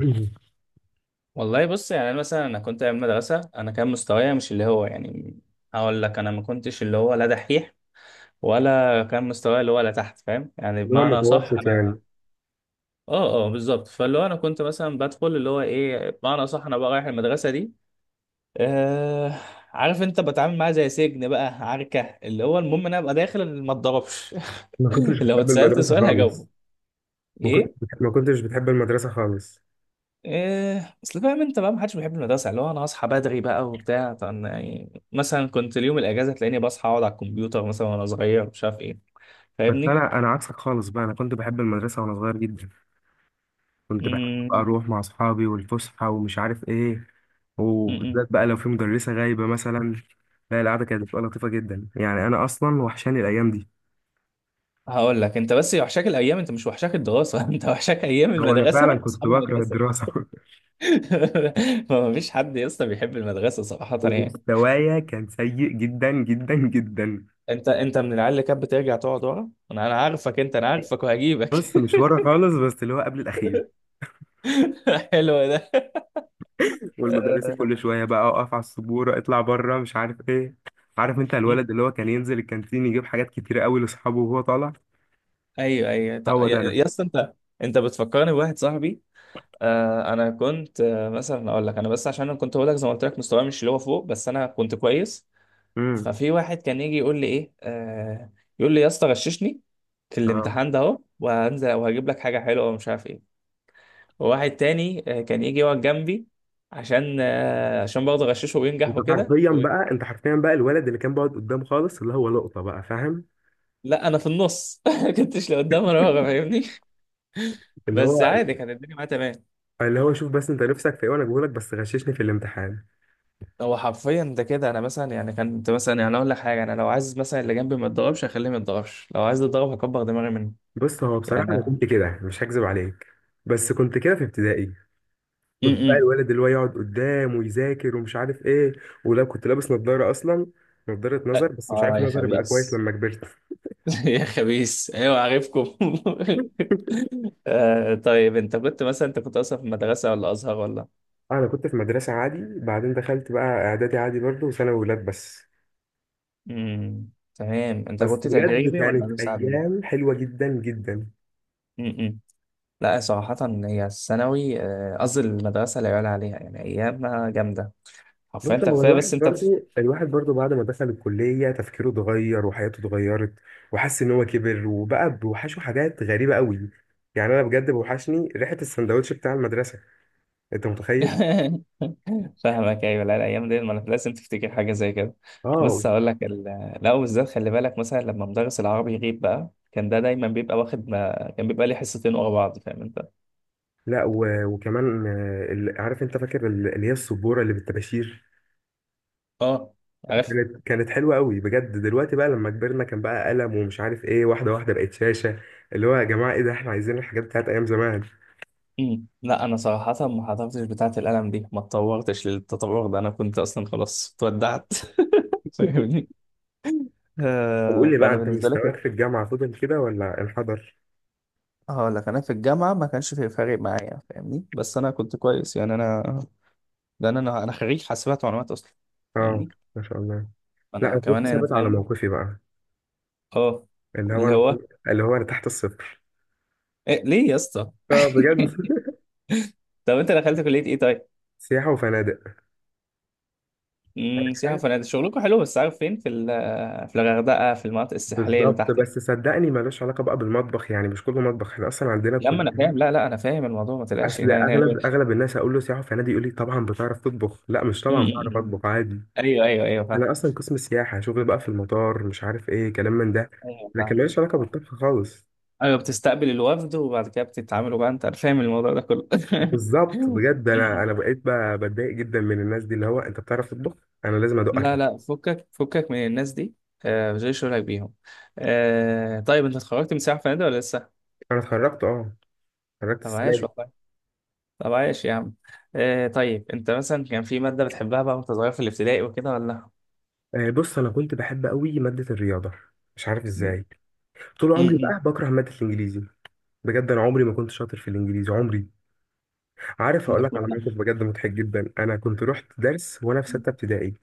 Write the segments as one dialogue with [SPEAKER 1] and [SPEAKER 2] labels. [SPEAKER 1] اللي
[SPEAKER 2] والله، بص يعني انا مثلا انا كنت ايام مدرسه، انا كان مستوايا مش اللي هو، يعني هقول لك انا ما كنتش اللي هو لا دحيح ولا كان مستوايا اللي هو لا تحت، فاهم؟ يعني
[SPEAKER 1] هو
[SPEAKER 2] بمعنى صح.
[SPEAKER 1] متوسط، يعني.
[SPEAKER 2] انا اه بالظبط، فاللي هو انا كنت مثلا بدخل اللي هو ايه، بمعنى صح انا بقى رايح المدرسه دي. آه. عارف انت بتعامل معاها زي سجن، بقى عركه، اللي هو المهم ان انا ابقى داخل ما اتضربش.
[SPEAKER 1] ما كنتش
[SPEAKER 2] لو
[SPEAKER 1] بتحب
[SPEAKER 2] اتسالت
[SPEAKER 1] المدرسة
[SPEAKER 2] سؤال هجاوبه.
[SPEAKER 1] خالص. ما كنتش
[SPEAKER 2] ايه.
[SPEAKER 1] ما كنتش بتحب المدرسة خالص.
[SPEAKER 2] إيه، اصل فاهم انت بقى محدش بيحب المدرسه، اللي هو انا هصحى بدري بقى وبتاع، طب أنا يعني مثلا كنت اليوم الاجازه تلاقيني بصحى اقعد على الكمبيوتر مثلا وانا صغير مش عارف ايه.
[SPEAKER 1] بس
[SPEAKER 2] فاهمني؟
[SPEAKER 1] أنا عكسك خالص بقى. أنا كنت بحب المدرسة وأنا صغير جدا. كنت بحب بقى
[SPEAKER 2] امم.
[SPEAKER 1] أروح مع أصحابي والفسحة ومش عارف إيه،
[SPEAKER 2] امم.
[SPEAKER 1] وبالذات بقى لو في مدرسة غايبة مثلا. لا، القعدة كانت بتبقى لطيفة جدا، يعني أنا أصلا وحشاني الأيام دي.
[SPEAKER 2] هقول لك انت بس وحشاك الايام، انت مش وحشاك الدراسه. انت وحشاك ايام
[SPEAKER 1] هو أنا فعلا
[SPEAKER 2] المدرسه
[SPEAKER 1] كنت
[SPEAKER 2] واصحاب
[SPEAKER 1] بكره
[SPEAKER 2] المدرسه.
[SPEAKER 1] الدراسة
[SPEAKER 2] ما فيش حد يا اسطى بيحب المدرسه صراحه، يعني.
[SPEAKER 1] ومستوايا كان سيء جدا جدا جدا.
[SPEAKER 2] انت من العيال اللي كانت بترجع تقعد ورا، انا عارفك انت، انا عارفك وهجيبك.
[SPEAKER 1] بص، مش ورا خالص بس اللي هو قبل الأخير.
[SPEAKER 2] حلو ده.
[SPEAKER 1] والمدرسة كل شوية بقى أقف على السبورة، اطلع بره مش عارف إيه. عارف أنت
[SPEAKER 2] آه.
[SPEAKER 1] الولد اللي هو كان ينزل الكانتين يجيب حاجات كتيرة قوي لأصحابه وهو طالع؟
[SPEAKER 2] ايوه ايوه،
[SPEAKER 1] هو
[SPEAKER 2] يا
[SPEAKER 1] ده أنا.
[SPEAKER 2] يا اسطى انت، انت بتفكرني بواحد صاحبي. آه انا كنت مثلا اقول لك، انا بس عشان انا كنت اقول لك زي ما قلت لك مستواي مش اللي هو فوق، بس انا كنت كويس.
[SPEAKER 1] امم
[SPEAKER 2] ففي واحد كان يجي يقول لي ايه، يقول لي يا اسطى غششني في
[SPEAKER 1] اه
[SPEAKER 2] الامتحان ده اهو، وهنزل وهجيب لك حاجه حلوه ومش عارف ايه. وواحد تاني كان يجي يقعد جنبي عشان عشان برضه اغششه
[SPEAKER 1] انت
[SPEAKER 2] وينجح وكده
[SPEAKER 1] حرفيا بقى، انت حرفيا بقى الولد اللي كان بيقعد قدام خالص، اللي هو لقطة بقى، فاهم.
[SPEAKER 2] لا انا في النص، ما كنتش لقدام ولا ورا فاهمني،
[SPEAKER 1] اللي
[SPEAKER 2] بس
[SPEAKER 1] هو
[SPEAKER 2] عادي كانت الدنيا معايا تمام.
[SPEAKER 1] اللي هو شوف بس انت نفسك في ايه، وانا بقولك بس غششني في الامتحان.
[SPEAKER 2] هو حرفيا ده كده، انا مثلا يعني كنت مثلا يعني اقول لك حاجه، انا لو عايز مثلا اللي جنبي ما يتضربش هخليه ما يتضربش، لو عايز يتضرب هكبر دماغي منه
[SPEAKER 1] بص هو بصراحة انا
[SPEAKER 2] يعني.
[SPEAKER 1] كنت كده، مش هكذب عليك. بس كنت كده في ابتدائي. كنت بقى
[SPEAKER 2] امم.
[SPEAKER 1] الولد اللي هو يقعد قدام ويذاكر ومش عارف ايه. ولا كنت لابس نظارة اصلا. نظارة نظر، بس مش
[SPEAKER 2] اه
[SPEAKER 1] عارف،
[SPEAKER 2] يا
[SPEAKER 1] نظري بقى كويس
[SPEAKER 2] خبيث.
[SPEAKER 1] لما كبرت.
[SPEAKER 2] يا خبيث ايوه عارفكم. آه طيب، انت كنت مثلا انت كنت اصلا في مدرسه ولا ازهر ولا؟
[SPEAKER 1] انا كنت في مدرسة عادي، بعدين دخلت بقى اعدادي عادي برضه، وثانوي ولاد بس.
[SPEAKER 2] امم. تمام. انت
[SPEAKER 1] بس
[SPEAKER 2] كنت
[SPEAKER 1] بجد
[SPEAKER 2] تجريبي ولا
[SPEAKER 1] كانت
[SPEAKER 2] نفس عادي؟
[SPEAKER 1] ايام حلوة جدا جدا.
[SPEAKER 2] امم. لا صراحه، هي الثانوي قصدي المدرسه لا يعلى عليها يعني، ايامها جامده حرفيا،
[SPEAKER 1] بص
[SPEAKER 2] انت
[SPEAKER 1] هو
[SPEAKER 2] كفايه بس
[SPEAKER 1] الواحد
[SPEAKER 2] انت.
[SPEAKER 1] برضه، الواحد برضه بعد ما دخل الكلية تفكيره اتغير وحياته اتغيرت. وحس ان هو كبر وبقى بيوحشه حاجات غريبة قوي. يعني انا بجد بوحشني ريحة السندوتش بتاع المدرسة. انت متخيل؟
[SPEAKER 2] فاهمك ايوه، لا الايام دي، ما أنا لازم تفتكر حاجه زي كده.
[SPEAKER 1] اه.
[SPEAKER 2] بص هقول لك لا بالذات خلي بالك مثلا لما مدرس العربي يغيب بقى كان ده دايما بيبقى واخد، ما كان بيبقى لي حصتين ورا بعض، فاهم انت؟
[SPEAKER 1] لا وكمان عارف انت، فاكر اللي هي السبوره اللي بالطباشير؟
[SPEAKER 2] اه. عارف.
[SPEAKER 1] كانت حلوه قوي بجد. دلوقتي بقى لما كبرنا كان بقى قلم ومش عارف ايه، واحده واحده بقت شاشه. اللي هو يا جماعه ايه ده، احنا عايزين الحاجات بتاعت ايام زمان.
[SPEAKER 2] مم. لا انا صراحه ما حضرتش بتاعه القلم دي، ما اتطورتش للتطور ده، انا كنت اصلا خلاص اتودعت. فاهمني.
[SPEAKER 1] طب قول
[SPEAKER 2] آه
[SPEAKER 1] لي بقى،
[SPEAKER 2] فانا
[SPEAKER 1] انت
[SPEAKER 2] بالنسبه لك،
[SPEAKER 1] مستواك في الجامعه فضل كده ولا انحدر؟
[SPEAKER 2] هقول لك انا في الجامعه ما كانش في فارق معايا فاهمني، بس انا كنت كويس، يعني انا ده انا خريج حاسبات ومعلومات اصلا.
[SPEAKER 1] اه،
[SPEAKER 2] فاهمني؟
[SPEAKER 1] ما شاء الله. لا،
[SPEAKER 2] انا
[SPEAKER 1] انا
[SPEAKER 2] كمان
[SPEAKER 1] كنت
[SPEAKER 2] انا
[SPEAKER 1] ثابت على
[SPEAKER 2] فاهم.
[SPEAKER 1] موقفي بقى.
[SPEAKER 2] اه. اللي هو.
[SPEAKER 1] اللي هو انا تحت الصفر.
[SPEAKER 2] إيه ليه يا اسطى؟
[SPEAKER 1] اه، بجد.
[SPEAKER 2] طب انت دخلت كليه ايه طيب؟
[SPEAKER 1] سياحه وفنادق.
[SPEAKER 2] امم. سياحه
[SPEAKER 1] عارفها.
[SPEAKER 2] وفنادق، شغلكم حلو، بس عارف فين؟ في في الغردقه، في المناطق الساحليه اللي
[SPEAKER 1] بالظبط،
[SPEAKER 2] تحت دي.
[SPEAKER 1] بس صدقني ملوش علاقة بقى بالمطبخ، يعني مش كله مطبخ، احنا أصلا عندنا
[SPEAKER 2] يا اما
[SPEAKER 1] كلية.
[SPEAKER 2] انا فاهم، لا لا انا فاهم الموضوع ما تقلقش. أنا-
[SPEAKER 1] اصل اغلب
[SPEAKER 2] أنا-
[SPEAKER 1] اغلب الناس اقول له سياحه في نادي يقول لي طبعا بتعرف تطبخ. لا مش
[SPEAKER 2] أمم،
[SPEAKER 1] طبعا
[SPEAKER 2] أمم،
[SPEAKER 1] بعرف
[SPEAKER 2] أمم.
[SPEAKER 1] اطبخ عادي.
[SPEAKER 2] ايوه ايوه ايوه فاهم.
[SPEAKER 1] انا اصلا قسم سياحه، شغل بقى في المطار، مش عارف ايه كلام من ده.
[SPEAKER 2] ايوه
[SPEAKER 1] لكن
[SPEAKER 2] فاهم.
[SPEAKER 1] ماليش علاقه بالطبخ خالص.
[SPEAKER 2] ايوه بتستقبل الوفد وبعد كده بتتعاملوا بقى، انت فاهم الموضوع ده كله.
[SPEAKER 1] بالظبط. بجد انا
[SPEAKER 2] أمم.
[SPEAKER 1] انا بقيت بتضايق جدا من الناس دي، اللي هو انت بتعرف تطبخ. انا لازم ادوق
[SPEAKER 2] لا
[SPEAKER 1] اكلك.
[SPEAKER 2] لا، فكك فكك من الناس دي، آه مش شغلك بيهم. آه طيب، انت اتخرجت من سياحه وفنادق ولا لسه؟
[SPEAKER 1] انا اتخرجت، اه. اتخرجت
[SPEAKER 2] طب
[SPEAKER 1] السنه
[SPEAKER 2] عايش
[SPEAKER 1] دي.
[SPEAKER 2] والله، طب عايش يا عم. آه طيب انت مثلا كان في مادة بتحبها بقى وانت صغير في الابتدائي وكده، ولا؟
[SPEAKER 1] بص انا كنت بحب قوي ماده الرياضه. مش عارف ازاي. طول عمري
[SPEAKER 2] امم.
[SPEAKER 1] بقى بكره ماده الانجليزي. بجد انا عمري ما كنت شاطر في الانجليزي عمري. عارف،
[SPEAKER 2] ده
[SPEAKER 1] هقول لك على
[SPEAKER 2] اشمعنى؟
[SPEAKER 1] موقف بجد مضحك جدا. انا كنت رحت درس وانا في 6 ابتدائي.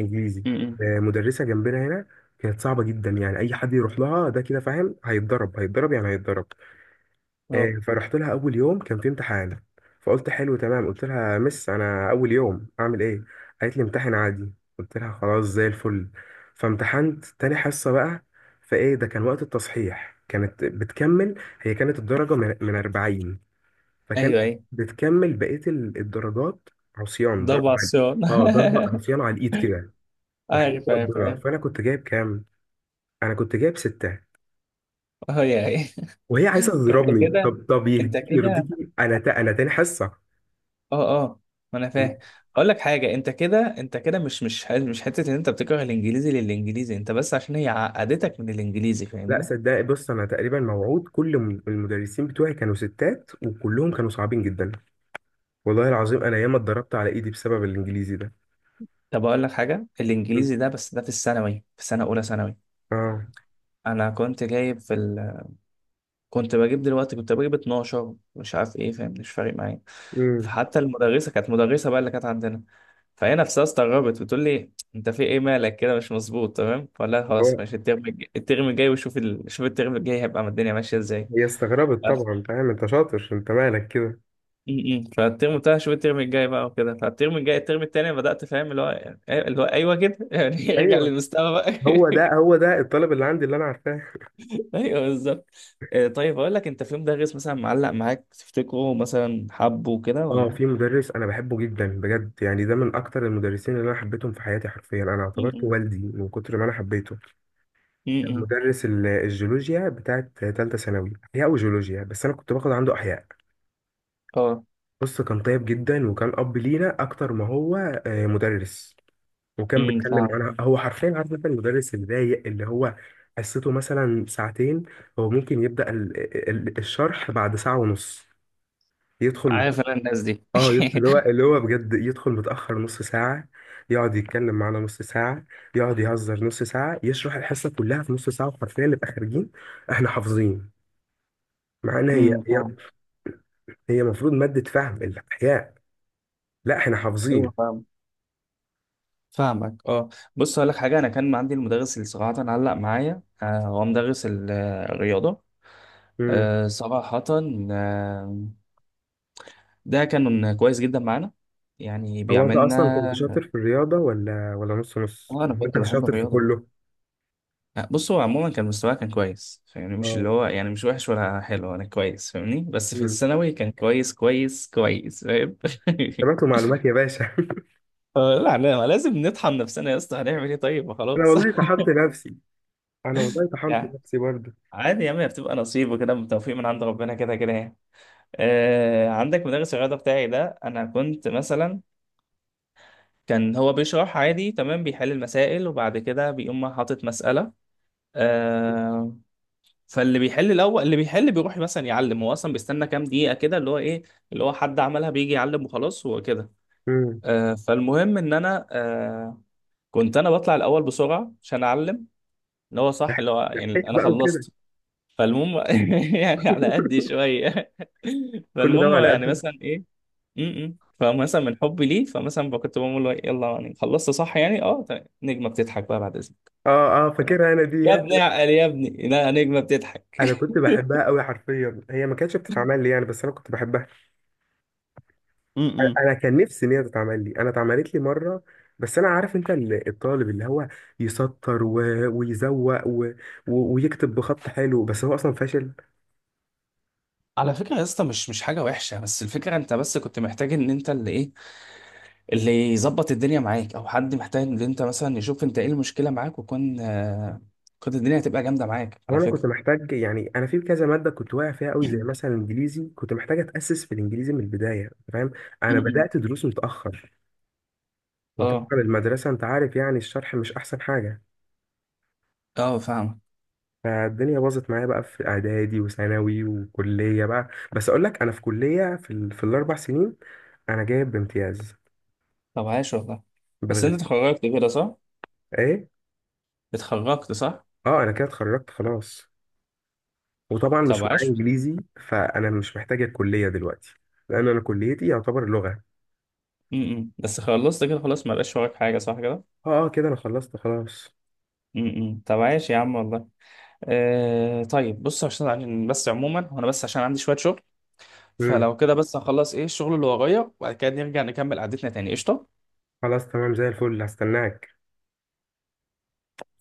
[SPEAKER 1] انجليزي.
[SPEAKER 2] امم.
[SPEAKER 1] مدرسه جنبنا هنا. كانت صعبه جدا، يعني اي حد يروح لها ده كده فاهم هيتضرب، هيتضرب يعني هيتضرب.
[SPEAKER 2] اه.
[SPEAKER 1] فرحت لها، اول يوم كان في امتحان. فقلت حلو تمام، قلت لها مس انا اول يوم اعمل ايه؟ قالت لي امتحن عادي. قلت لها خلاص زي الفل. فامتحنت تاني حصه بقى، فايه ده، كان وقت التصحيح كانت بتكمل. هي كانت الدرجه من 40. فكانت
[SPEAKER 2] ايوه ايوه،
[SPEAKER 1] بتكمل بقية الدرجات. عصيان ضرب
[SPEAKER 2] ضبع
[SPEAKER 1] على.
[SPEAKER 2] الصياد.
[SPEAKER 1] اه، ضرب عصيان على الايد كده. وحياة
[SPEAKER 2] عارف عارف
[SPEAKER 1] ربنا،
[SPEAKER 2] عارف.
[SPEAKER 1] فانا كنت جايب كام؟ انا كنت جايب ستة.
[SPEAKER 2] اه يا أخي.
[SPEAKER 1] وهي عايزة
[SPEAKER 2] انت
[SPEAKER 1] تضربني.
[SPEAKER 2] كده،
[SPEAKER 1] طب طب،
[SPEAKER 2] انت
[SPEAKER 1] يهديك
[SPEAKER 2] كده،
[SPEAKER 1] يرضيكي انا انا تاني حصة.
[SPEAKER 2] اه اه ما انا فاهم. اقول لك حاجه، انت كده انت كده، مش حته ان انت بتكره الانجليزي للانجليزي، انت بس عشان هي عقدتك من الانجليزي
[SPEAKER 1] لا
[SPEAKER 2] فاهمني.
[SPEAKER 1] صدقني، بص انا تقريبا موعود. كل المدرسين بتوعي كانوا ستات وكلهم كانوا صعبين جدا. والله العظيم انا ياما اتضربت على ايدي بسبب الانجليزي ده.
[SPEAKER 2] طب اقول لك حاجه،
[SPEAKER 1] مم.
[SPEAKER 2] الانجليزي ده بس ده في الثانوي في سنه اولى ثانوي،
[SPEAKER 1] اه.
[SPEAKER 2] انا كنت جايب في كنت بجيب دلوقتي، كنت بجيب 12 مش عارف ايه، فاهم؟ مش فارق معايا،
[SPEAKER 1] امم
[SPEAKER 2] فحتى المدرسه كانت مدرسه بقى اللي كانت عندنا، فهي نفسها استغربت بتقول لي انت في ايه مالك كده؟ مش مظبوط تمام، فلا خلاص
[SPEAKER 1] هو-
[SPEAKER 2] ماشي، الترم الجاي الترم الجاي وشوف شوف الترم الجاي هيبقى الدنيا ماشيه ازاي.
[SPEAKER 1] هي استغربت
[SPEAKER 2] بس.
[SPEAKER 1] طبعا، فاهم انت شاطر انت مالك كده.
[SPEAKER 2] م- م. فالترم بتاع شوف الترم الجاي بقى وكده، فالترم الجاي الترم التاني بدأت فاهم اللي هو إيه، اللي هو ايوه كده. يعني ارجع
[SPEAKER 1] ايوه،
[SPEAKER 2] للمستوى بقى.
[SPEAKER 1] هو ده هو ده الطالب اللي عندي اللي انا عارفاه.
[SPEAKER 2] ايوه بالظبط. آه طيب، اقول لك، انت في يوم دغس مثلا معلق معاك تفتكره مثلا حبه كده
[SPEAKER 1] اه،
[SPEAKER 2] ولا؟
[SPEAKER 1] في مدرس انا بحبه جدا، بجد يعني ده من اكتر المدرسين اللي انا حبيتهم في حياتي. حرفيا انا اعتبرته
[SPEAKER 2] م-م.
[SPEAKER 1] والدي من كتر ما انا حبيته. كان
[SPEAKER 2] م-م.
[SPEAKER 1] مدرس الجيولوجيا بتاعت تالتة ثانوي، احياء وجيولوجيا بس انا كنت باخد عنده احياء.
[SPEAKER 2] اه.
[SPEAKER 1] بص كان طيب جدا وكان اب لينا اكتر ما هو مدرس. وكان بيتكلم
[SPEAKER 2] فاهم.
[SPEAKER 1] معانا. هو حرفيا عارف انت المدرس الضايق اللي هو حصته مثلا ساعتين، هو ممكن يبدأ الشرح بعد ساعة ونص. يدخل.
[SPEAKER 2] عارف انا الناس دي.
[SPEAKER 1] اللي هو اللي هو بجد يدخل متأخر نص ساعة. يقعد يتكلم معانا نص ساعة. يقعد يهزر نص ساعة، يشرح الحصة كلها في نص ساعة وحرفيا نبقى خارجين. احنا حافظين. معانا هي هي
[SPEAKER 2] فاهم.
[SPEAKER 1] هي المفروض مادة فهم، الأحياء. لا، احنا
[SPEAKER 2] ايوه
[SPEAKER 1] حافظين.
[SPEAKER 2] فاهم. فاهمك اه. بص اقول لك حاجه، انا كان عندي المدرس اللي صراحه علق معايا، آه هو مدرس الرياضه.
[SPEAKER 1] امم
[SPEAKER 2] آه صراحه. آه. ده كان كويس جدا معانا، يعني
[SPEAKER 1] هو انت اصلا كنت شاطر
[SPEAKER 2] بيعملنا.
[SPEAKER 1] في الرياضة، ولا نص نص؟
[SPEAKER 2] اه انا
[SPEAKER 1] يعني
[SPEAKER 2] كنت
[SPEAKER 1] انت
[SPEAKER 2] بحب
[SPEAKER 1] شاطر في
[SPEAKER 2] الرياضه.
[SPEAKER 1] كله.
[SPEAKER 2] لا بص، هو عموما كان مستواه كان كويس فاهمني، مش اللي
[SPEAKER 1] اه.
[SPEAKER 2] هو يعني مش وحش ولا حلو، انا كويس فاهمني، بس في
[SPEAKER 1] امم
[SPEAKER 2] الثانوي كان كويس كويس كويس فاهم.
[SPEAKER 1] تمام، معلومات يا باشا
[SPEAKER 2] آه، لا لا لازم نطحن نفسنا يا اسطى، هنعمل ايه طيب ما
[SPEAKER 1] انا
[SPEAKER 2] خلاص.
[SPEAKER 1] والله طحنت نفسي. انا والله طحنت
[SPEAKER 2] يعني
[SPEAKER 1] نفسي برضه.
[SPEAKER 2] عادي يا عم، هي بتبقى نصيب وكده من توفيق من عند ربنا كده كده يعني. آه، عندك مدرس الرياضه بتاعي ده انا كنت مثلا، كان هو بيشرح عادي تمام، بيحل المسائل وبعد كده بيقوم حاطط مساله. آه فاللي بيحل الاول اللي بيحل بيروح مثلا يعلم، هو اصلا بيستنى كام دقيقه كده اللي هو ايه، اللي هو حد عملها بيجي يعلم وخلاص هو كده.
[SPEAKER 1] امم
[SPEAKER 2] آه فالمهم ان انا كنت انا بطلع الاول بسرعه عشان اعلم اللي هو صح، اللي هو يعني
[SPEAKER 1] لحقت
[SPEAKER 2] انا
[SPEAKER 1] بقى وكده.
[SPEAKER 2] خلصت. فالمهم يعني على قدي شويه.
[SPEAKER 1] كل ده
[SPEAKER 2] فالمهم
[SPEAKER 1] على
[SPEAKER 2] يعني
[SPEAKER 1] قدك.
[SPEAKER 2] مثلا ايه. م -م. فمثلا من حبي ليه، فمثلا بقى كنت بقول له يلا يعني خلصت صح يعني اه طيب. نجمه بتضحك بقى بعد اذنك.
[SPEAKER 1] اه اه، فاكرها انا دي.
[SPEAKER 2] يا ابني اعقل يا ابني، لا نجمه
[SPEAKER 1] انا
[SPEAKER 2] بتضحك.
[SPEAKER 1] كنت بحبها قوي، حرفيا هي ما كانتش بتتعمل لي يعني، بس انا كنت بحبها.
[SPEAKER 2] م
[SPEAKER 1] انا
[SPEAKER 2] -م.
[SPEAKER 1] أنا كان نفسي ان هي تتعمل لي، انا اتعملت لي مره. بس انا عارف انت الطالب اللي هو يسطر ويزوق ويكتب بخط حلو، بس هو اصلا فاشل.
[SPEAKER 2] على فكرة يا اسطى، مش مش حاجة وحشة، بس الفكرة انت بس كنت محتاج ان انت اللي ايه، اللي يظبط الدنيا معاك او حد محتاج ان انت مثلا يشوف انت ايه المشكلة معاك، وكون آه كنت الدنيا هتبقى جامدة معاك على
[SPEAKER 1] وانا كنت
[SPEAKER 2] فكرة.
[SPEAKER 1] محتاج، يعني انا في كذا ماده كنت واقع فيها قوي زي
[SPEAKER 2] م-
[SPEAKER 1] مثلا الانجليزي، كنت محتاج اتاسس في الانجليزي من البدايه، فاهم. انا
[SPEAKER 2] م.
[SPEAKER 1] بدات دروس متاخر.
[SPEAKER 2] اه
[SPEAKER 1] وطبعا المدرسه انت عارف، يعني الشرح مش احسن حاجه.
[SPEAKER 2] اه فاهم.
[SPEAKER 1] فالدنيا باظت معايا بقى في اعدادي وثانوي وكليه بقى. بس اقول لك انا في كليه، في الـ4 سنين انا جايب بامتياز.
[SPEAKER 2] طب عاش والله، بس انت
[SPEAKER 1] بالغش.
[SPEAKER 2] اتخرجت كده صح؟
[SPEAKER 1] ايه.
[SPEAKER 2] اتخرجت صح؟
[SPEAKER 1] اه انا كده اتخرجت خلاص. وطبعا
[SPEAKER 2] طب
[SPEAKER 1] مش معايا
[SPEAKER 2] عاش.
[SPEAKER 1] انجليزي فانا مش محتاج الكليه دلوقتي، لان انا كليتي يعتبر لغه.
[SPEAKER 2] م-م. بس خلصت كده خلاص، ما بقاش وراك حاجة صح كده؟
[SPEAKER 1] اه اه، كده انا خلصت خلاص.
[SPEAKER 2] م-م. طب عاش يا عم والله. آه طيب بص، عشان بس عموما، وانا بس عشان عندي شوية شغل،
[SPEAKER 1] امم
[SPEAKER 2] فلو كده بس هخلص ايه الشغل اللي ورايا وبعد كده نرجع نكمل قعدتنا تاني، قشطة.
[SPEAKER 1] خلاص تمام زي الفل، هستناك.